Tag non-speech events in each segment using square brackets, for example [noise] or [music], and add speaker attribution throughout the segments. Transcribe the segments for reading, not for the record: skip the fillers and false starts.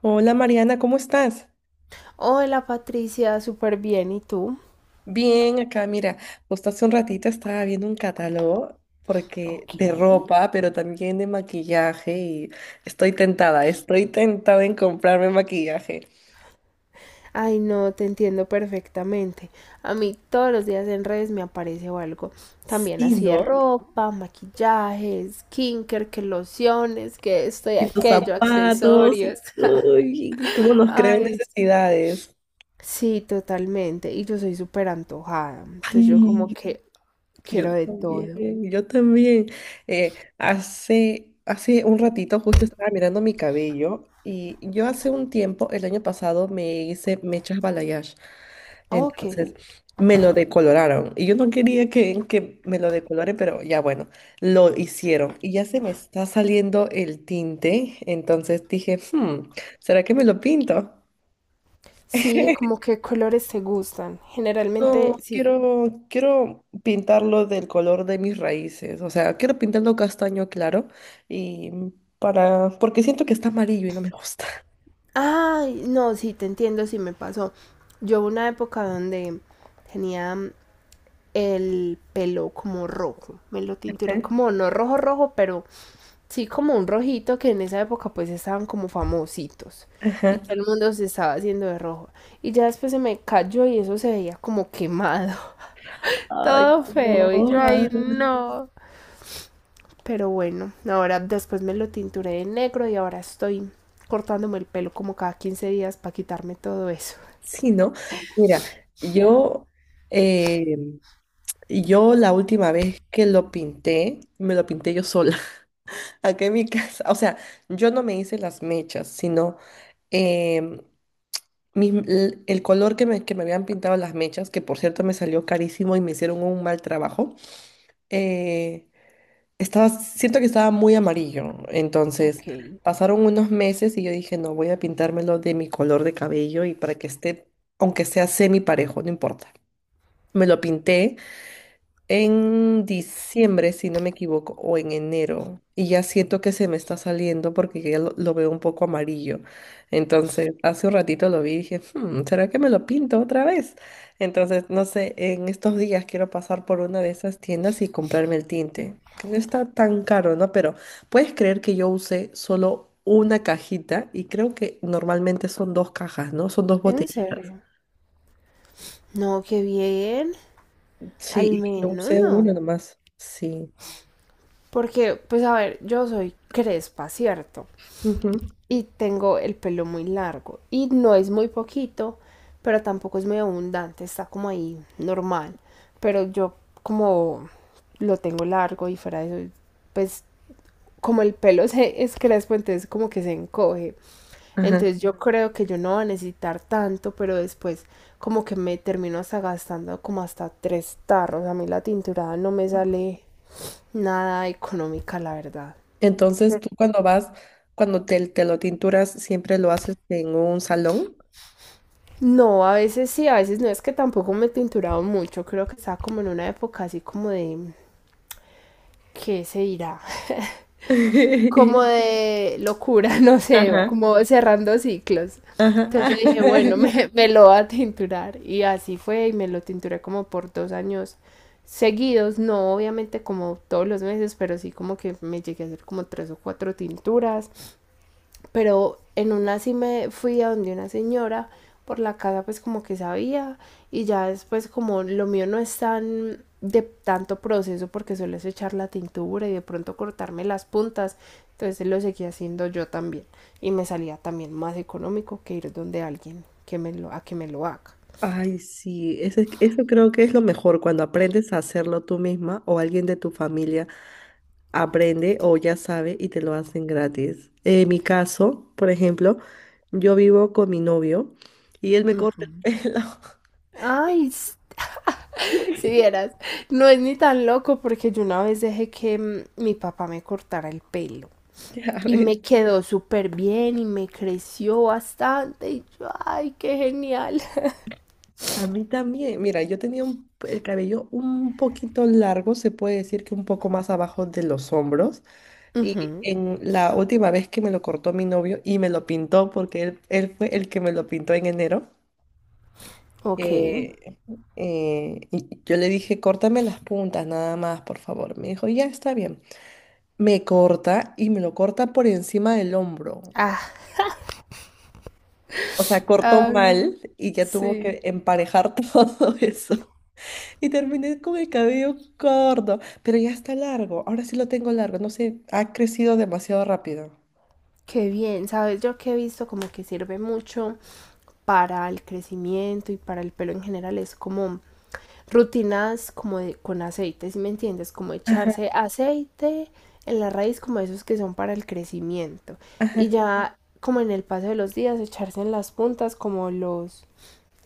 Speaker 1: Hola Mariana, ¿cómo estás?
Speaker 2: Hola Patricia, súper bien. ¿Y tú?
Speaker 1: Bien, acá mira, justo hace un ratito estaba viendo un catálogo porque
Speaker 2: Ok.
Speaker 1: de ropa, pero también de maquillaje y estoy tentada en comprarme maquillaje.
Speaker 2: Ay, no, te entiendo perfectamente. A mí todos los días en redes me aparece o algo. También
Speaker 1: Sí,
Speaker 2: así de
Speaker 1: ¿no?
Speaker 2: ropa, maquillajes, skincare, que lociones, que esto y
Speaker 1: Y los
Speaker 2: aquello,
Speaker 1: zapatos, y
Speaker 2: accesorios.
Speaker 1: uy, cómo
Speaker 2: [laughs]
Speaker 1: nos crean
Speaker 2: Ay,
Speaker 1: necesidades.
Speaker 2: sí, totalmente. Y yo soy súper antojada. Entonces yo como
Speaker 1: Ay,
Speaker 2: que
Speaker 1: yo
Speaker 2: quiero de
Speaker 1: también,
Speaker 2: todo.
Speaker 1: yo también. Hace un ratito justo estaba mirando mi cabello y yo hace un tiempo, el año pasado, me hice mechas balayage.
Speaker 2: Ok.
Speaker 1: Entonces me lo decoloraron y yo no quería que me lo decoloren, pero ya bueno, lo hicieron y ya se me está saliendo el tinte. Entonces dije, ¿será que me lo pinto?
Speaker 2: Sí, como que colores te gustan. Generalmente,
Speaker 1: No,
Speaker 2: si.
Speaker 1: quiero, quiero pintarlo del color de mis raíces. O sea, quiero pintarlo castaño claro y para, porque siento que está amarillo y no me gusta.
Speaker 2: Ay, no, sí, te entiendo, sí me pasó. Yo hubo una época donde tenía el pelo como rojo, me lo
Speaker 1: Ajá.
Speaker 2: tinturé como no rojo rojo, pero sí como un rojito que en esa época pues estaban como famositos
Speaker 1: [laughs]
Speaker 2: y
Speaker 1: Ajá.
Speaker 2: todo el mundo se estaba haciendo de rojo. Y ya después se me cayó y eso se veía como quemado, [laughs]
Speaker 1: Ay,
Speaker 2: todo
Speaker 1: no.
Speaker 2: feo y yo
Speaker 1: Ay.
Speaker 2: ay no. Pero bueno, ahora después me lo tinturé de negro y ahora estoy cortándome el pelo como cada 15 días para quitarme todo eso.
Speaker 1: Sí, ¿no? Mira, yo, eh, yo la última vez que lo pinté, me lo pinté yo sola, [laughs] acá en mi casa. O sea, yo no me hice las mechas, sino em, el color que me habían pintado las mechas, que por cierto me salió carísimo y me hicieron un mal trabajo, eh, siento que estaba muy amarillo. Entonces
Speaker 2: Ok,
Speaker 1: pasaron unos meses y yo dije, no, voy a pintármelo de mi color de cabello y para que esté, aunque sea semi parejo, no importa. Me lo pinté en diciembre, si no me equivoco, o en enero, y ya siento que se me está saliendo porque ya lo veo un poco amarillo. Entonces, hace un ratito lo vi y dije, ¿será que me lo pinto otra vez? Entonces, no sé, en estos días quiero pasar por una de esas tiendas y comprarme el tinte, que no está tan caro, ¿no? Pero puedes creer que yo usé solo una cajita y creo que normalmente son dos cajas, ¿no? Son dos
Speaker 2: en
Speaker 1: botellitas.
Speaker 2: serio. No, qué bien,
Speaker 1: Sí,
Speaker 2: al
Speaker 1: y yo
Speaker 2: menos
Speaker 1: usé una
Speaker 2: no.
Speaker 1: nomás. Sí.
Speaker 2: Porque, pues a ver, yo soy crespa, ¿cierto?
Speaker 1: Ujú.
Speaker 2: Y tengo el pelo muy largo. Y no es muy poquito, pero tampoco es muy abundante, está como ahí, normal. Pero yo como lo tengo largo y fuera de eso, pues como el pelo [laughs] se es crespo, entonces como que se encoge.
Speaker 1: Ajá.
Speaker 2: Entonces yo creo que yo no voy a necesitar tanto, pero después como que me termino hasta gastando como hasta tres tarros. A mí la tinturada no me sale nada económica, la verdad.
Speaker 1: Entonces,
Speaker 2: Pero-
Speaker 1: tú cuando vas, cuando te lo tinturas, siempre lo haces en un salón.
Speaker 2: No, a veces sí, a veces no es que tampoco me he tinturado mucho. Creo que estaba como en una época así como de, ¿qué se dirá?
Speaker 1: [laughs]
Speaker 2: Como de locura, [laughs] no sé,
Speaker 1: Ajá,
Speaker 2: como cerrando ciclos.
Speaker 1: ajá.
Speaker 2: Entonces yo dije, bueno,
Speaker 1: [laughs]
Speaker 2: me lo voy a tinturar. Y así fue, y me lo tinturé como por 2 años seguidos, no obviamente como todos los meses, pero sí como que me llegué a hacer como tres o cuatro tinturas. Pero en una sí me fui a donde una señora por la casa pues como que sabía y ya después como lo mío no es tan de tanto proceso porque suelo echar la tintura y de pronto cortarme las puntas, entonces lo seguí haciendo yo también y me salía también más económico que ir donde alguien que me lo, a que me lo haga.
Speaker 1: Ay, sí, eso, eso creo que es lo mejor cuando aprendes a hacerlo tú misma o alguien de tu familia aprende o ya sabe y te lo hacen gratis. En mi caso, por ejemplo, yo vivo con mi novio y él me corta
Speaker 2: Ujú.
Speaker 1: el pelo. [laughs]
Speaker 2: Ay, si vieras, no es ni tan loco porque yo una vez dejé que mi papá me cortara el pelo.
Speaker 1: Ya
Speaker 2: Y
Speaker 1: ves.
Speaker 2: me quedó súper bien y me creció bastante. Y yo, ay, qué genial.
Speaker 1: A mí también, mira, yo tenía el cabello un poquito largo, se puede decir que un poco más abajo de los hombros. Y
Speaker 2: Ujú.
Speaker 1: en la última vez que me lo cortó mi novio y me lo pintó, porque él fue el que me lo pintó en enero,
Speaker 2: Ok.
Speaker 1: eh, y yo le dije, córtame las puntas nada más, por favor. Me dijo, ya está bien. Me corta y me lo corta por encima del hombro.
Speaker 2: Ah,
Speaker 1: O sea, cortó
Speaker 2: ay,
Speaker 1: mal y ya tuvo
Speaker 2: sí.
Speaker 1: que emparejar [laughs] todo eso. Y terminé con el cabello corto, pero ya está largo. Ahora sí lo tengo largo, no sé, ha crecido demasiado rápido.
Speaker 2: Qué bien, sabes, yo que he visto como que sirve mucho para el crecimiento y para el pelo en general, es como rutinas como con aceite, ¿si me entiendes? Como
Speaker 1: Ajá,
Speaker 2: echarse aceite en la raíz, como esos que son para el crecimiento.
Speaker 1: ajá.
Speaker 2: Y ya como en el paso de los días, echarse en las puntas como los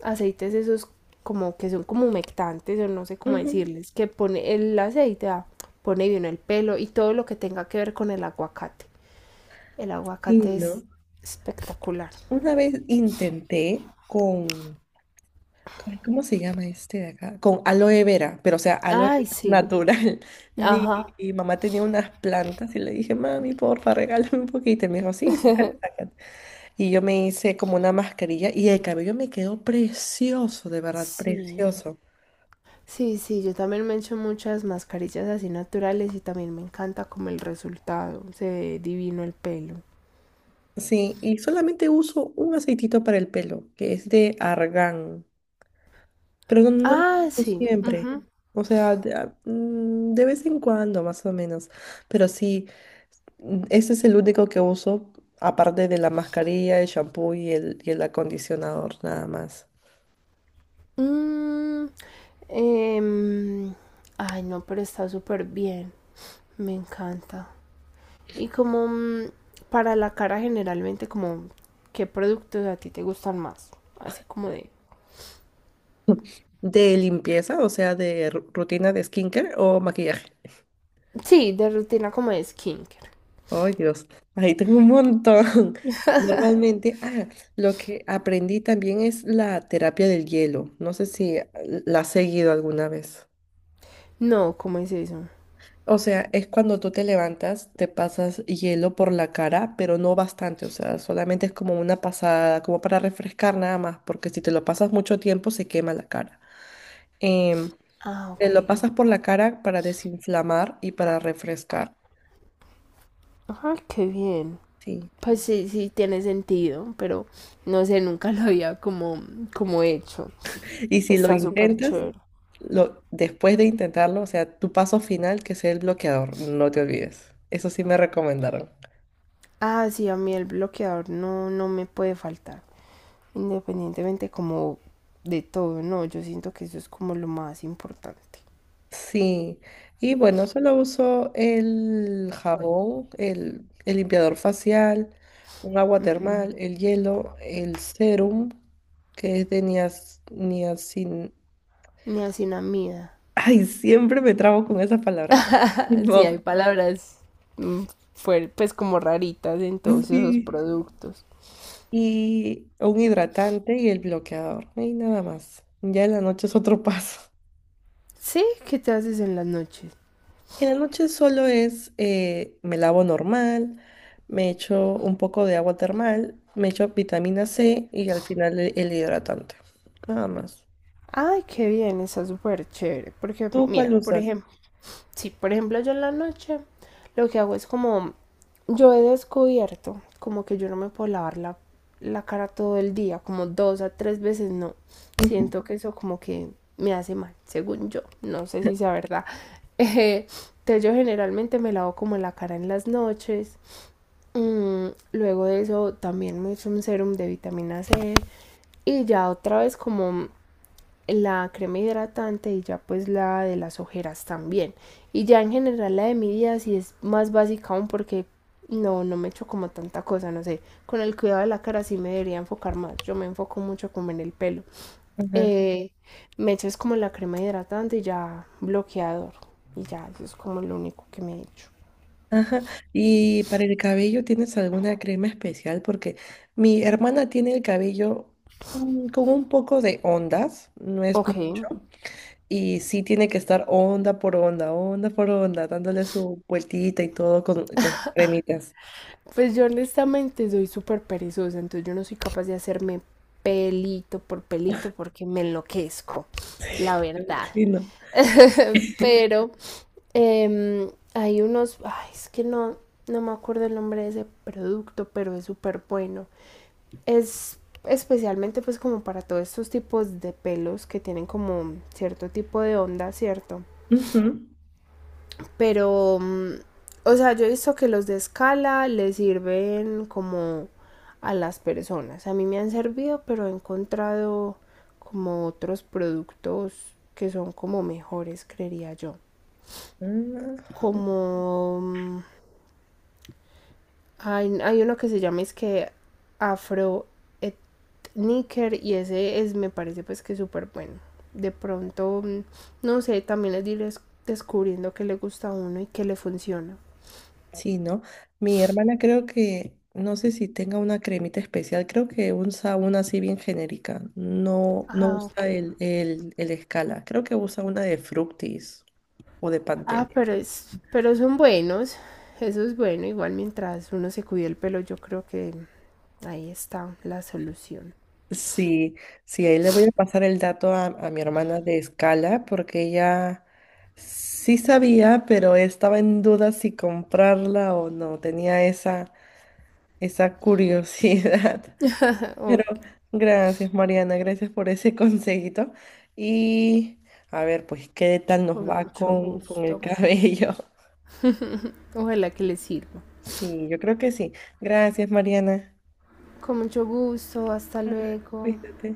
Speaker 2: aceites esos como que son como humectantes o no sé cómo
Speaker 1: Ujú.
Speaker 2: decirles, que pone el aceite, ah, pone bien el pelo y todo lo que tenga que ver con el aguacate. El
Speaker 1: Sí,
Speaker 2: aguacate
Speaker 1: ¿no?
Speaker 2: es espectacular.
Speaker 1: Una vez intenté con, ay, ¿cómo se llama este de acá? Con aloe vera, pero o sea, aloe
Speaker 2: Ay,
Speaker 1: vera
Speaker 2: sí,
Speaker 1: natural. [laughs] Mi,
Speaker 2: ajá,
Speaker 1: Mamá tenía unas plantas y le dije, mami, porfa, regálame un poquito. Y me dijo, sí, sácate". Y yo me hice como una mascarilla y el cabello me quedó precioso, de verdad,
Speaker 2: sí.
Speaker 1: precioso.
Speaker 2: Sí, sí, yo también me echo muchas mascarillas así naturales y también me encanta como el resultado, se ve divino el pelo.
Speaker 1: Sí, y solamente uso un aceitito para el pelo, que es de argán, pero no, no lo
Speaker 2: Ah,
Speaker 1: uso
Speaker 2: sí,
Speaker 1: siempre.
Speaker 2: ujú.
Speaker 1: O sea, de vez en cuando, más o menos. Pero sí, ese es el único que uso, aparte de la mascarilla, el shampoo y el acondicionador, nada más.
Speaker 2: Mm, em, Ay, no, pero está súper bien, me encanta. Y como para la cara generalmente, como qué productos a ti te gustan más. Así como de...
Speaker 1: ¿De limpieza, o sea, de rutina de skincare o maquillaje?
Speaker 2: Sí, de rutina como de skincare.
Speaker 1: Ay, Dios, ahí tengo un montón. [laughs] Normalmente, lo que aprendí también es la terapia del hielo. No sé si la has seguido alguna vez.
Speaker 2: No, ¿cómo es eso?
Speaker 1: O sea, es cuando tú te levantas, te pasas hielo por la cara, pero no bastante. O sea, solamente es como una pasada, como para refrescar nada más, porque si te lo pasas mucho tiempo se quema la cara. Em,
Speaker 2: Ah,
Speaker 1: Te lo
Speaker 2: ok.
Speaker 1: pasas por la cara para desinflamar y para refrescar.
Speaker 2: Ajá, qué bien.
Speaker 1: Sí.
Speaker 2: Pues sí, sí, tiene sentido, pero no sé, nunca lo había como hecho.
Speaker 1: Y si lo
Speaker 2: Está súper
Speaker 1: intentas,
Speaker 2: chévere.
Speaker 1: lo, después de intentarlo, o sea, tu paso final, que sea el bloqueador, no te olvides. Eso sí me recomendaron.
Speaker 2: Ah, sí, a mí el bloqueador no me puede faltar. Independientemente como de todo, no, yo siento que eso es como lo más importante.
Speaker 1: Sí, y bueno, solo uso el jabón, el limpiador facial, un agua termal, el hielo, el serum, que es de niacin... [laughs]
Speaker 2: Niacinamida.
Speaker 1: Ay, siempre me trabo con esa palabra. [laughs]
Speaker 2: Sí,
Speaker 1: Tipo,
Speaker 2: hay palabras mm, pues como raritas en todos esos
Speaker 1: sí.
Speaker 2: productos.
Speaker 1: Y un hidratante y el bloqueador. Y nada más. Ya en la noche es otro [laughs] paso.
Speaker 2: Sí, ¿qué te haces en las noches?
Speaker 1: En la noche solo es, me lavo normal, me echo un poco de agua termal, me echo vitamina C y al final el hidratante. Nada más.
Speaker 2: Ay, qué bien, está súper chévere. Porque,
Speaker 1: ¿Tú cuál
Speaker 2: mira, por
Speaker 1: usas?
Speaker 2: ejemplo, sí, por ejemplo, yo en la noche lo que hago es como, yo he descubierto como que yo no me puedo lavar la cara todo el día, como dos a tres veces, no.
Speaker 1: Ujú.
Speaker 2: Siento que eso como que me hace mal, según yo. No sé si sea verdad. [laughs] Eh, entonces yo generalmente me lavo como la cara en las noches. Luego de eso también me hice un serum de vitamina C y ya otra vez como la crema hidratante y ya pues la de las ojeras también. Y ya en general la de mi día sí es más básica aún porque no me echo como tanta cosa, no sé. Con el cuidado de la cara sí me debería enfocar más. Yo me enfoco mucho como en el pelo.
Speaker 1: Ajá,
Speaker 2: Eh, me echo es como la crema hidratante y ya bloqueador. Y ya, eso es como lo único que me he hecho.
Speaker 1: ajá. Y para el cabello, ¿tienes alguna crema especial? Porque mi hermana tiene el cabello con un poco de ondas, no es
Speaker 2: Ok.
Speaker 1: mucho, y sí tiene que estar onda por onda, dándole su vueltita y todo con cremitas.
Speaker 2: Pues yo honestamente soy súper perezosa, entonces yo no soy capaz de hacerme pelito por pelito porque me enloquezco, la
Speaker 1: Me
Speaker 2: verdad.
Speaker 1: imagino.
Speaker 2: [laughs] Pero hay unos, ay, es que no, no me acuerdo el nombre de ese producto, pero es súper bueno. Es especialmente pues como para todos estos tipos de pelos que tienen como cierto tipo de onda, ¿cierto?
Speaker 1: Ujú.
Speaker 2: Pero, o sea, yo he visto que los de escala le sirven como a las personas. A mí me han servido, pero he encontrado como otros productos que son como mejores, creería yo.
Speaker 1: Mm,
Speaker 2: Como hay uno que se llama es que Afro Etniker y ese es, me parece pues que súper bueno. De pronto, no sé, también es ir descubriendo qué le gusta a uno y qué le funciona.
Speaker 1: sí, ¿no? Mi hermana creo que, no sé si tenga una cremita especial, creo que usa una así bien genérica, no, no
Speaker 2: Ah,
Speaker 1: usa
Speaker 2: ok.
Speaker 1: el escala, creo que usa una de Fructis o de
Speaker 2: Ah,
Speaker 1: Pantene.
Speaker 2: pero son buenos. Eso es bueno. Igual mientras uno se cuide el pelo, yo creo que ahí está la solución.
Speaker 1: Sí, sí, ahí le voy a pasar el dato a mi hermana de escala porque ella sí sabía, pero estaba en duda si comprarla o no, tenía esa curiosidad.
Speaker 2: [laughs] O-
Speaker 1: Pero gracias, Mariana, gracias por ese [laughs] consejito. Y a ver, pues, ¿qué tal nos
Speaker 2: con
Speaker 1: va
Speaker 2: mucho
Speaker 1: con el
Speaker 2: gusto.
Speaker 1: cabello? [laughs]
Speaker 2: Ojalá que les sirva.
Speaker 1: Sí, yo creo que sí. Gracias, Mariana.
Speaker 2: Con mucho gusto. Hasta luego.
Speaker 1: Cuídate.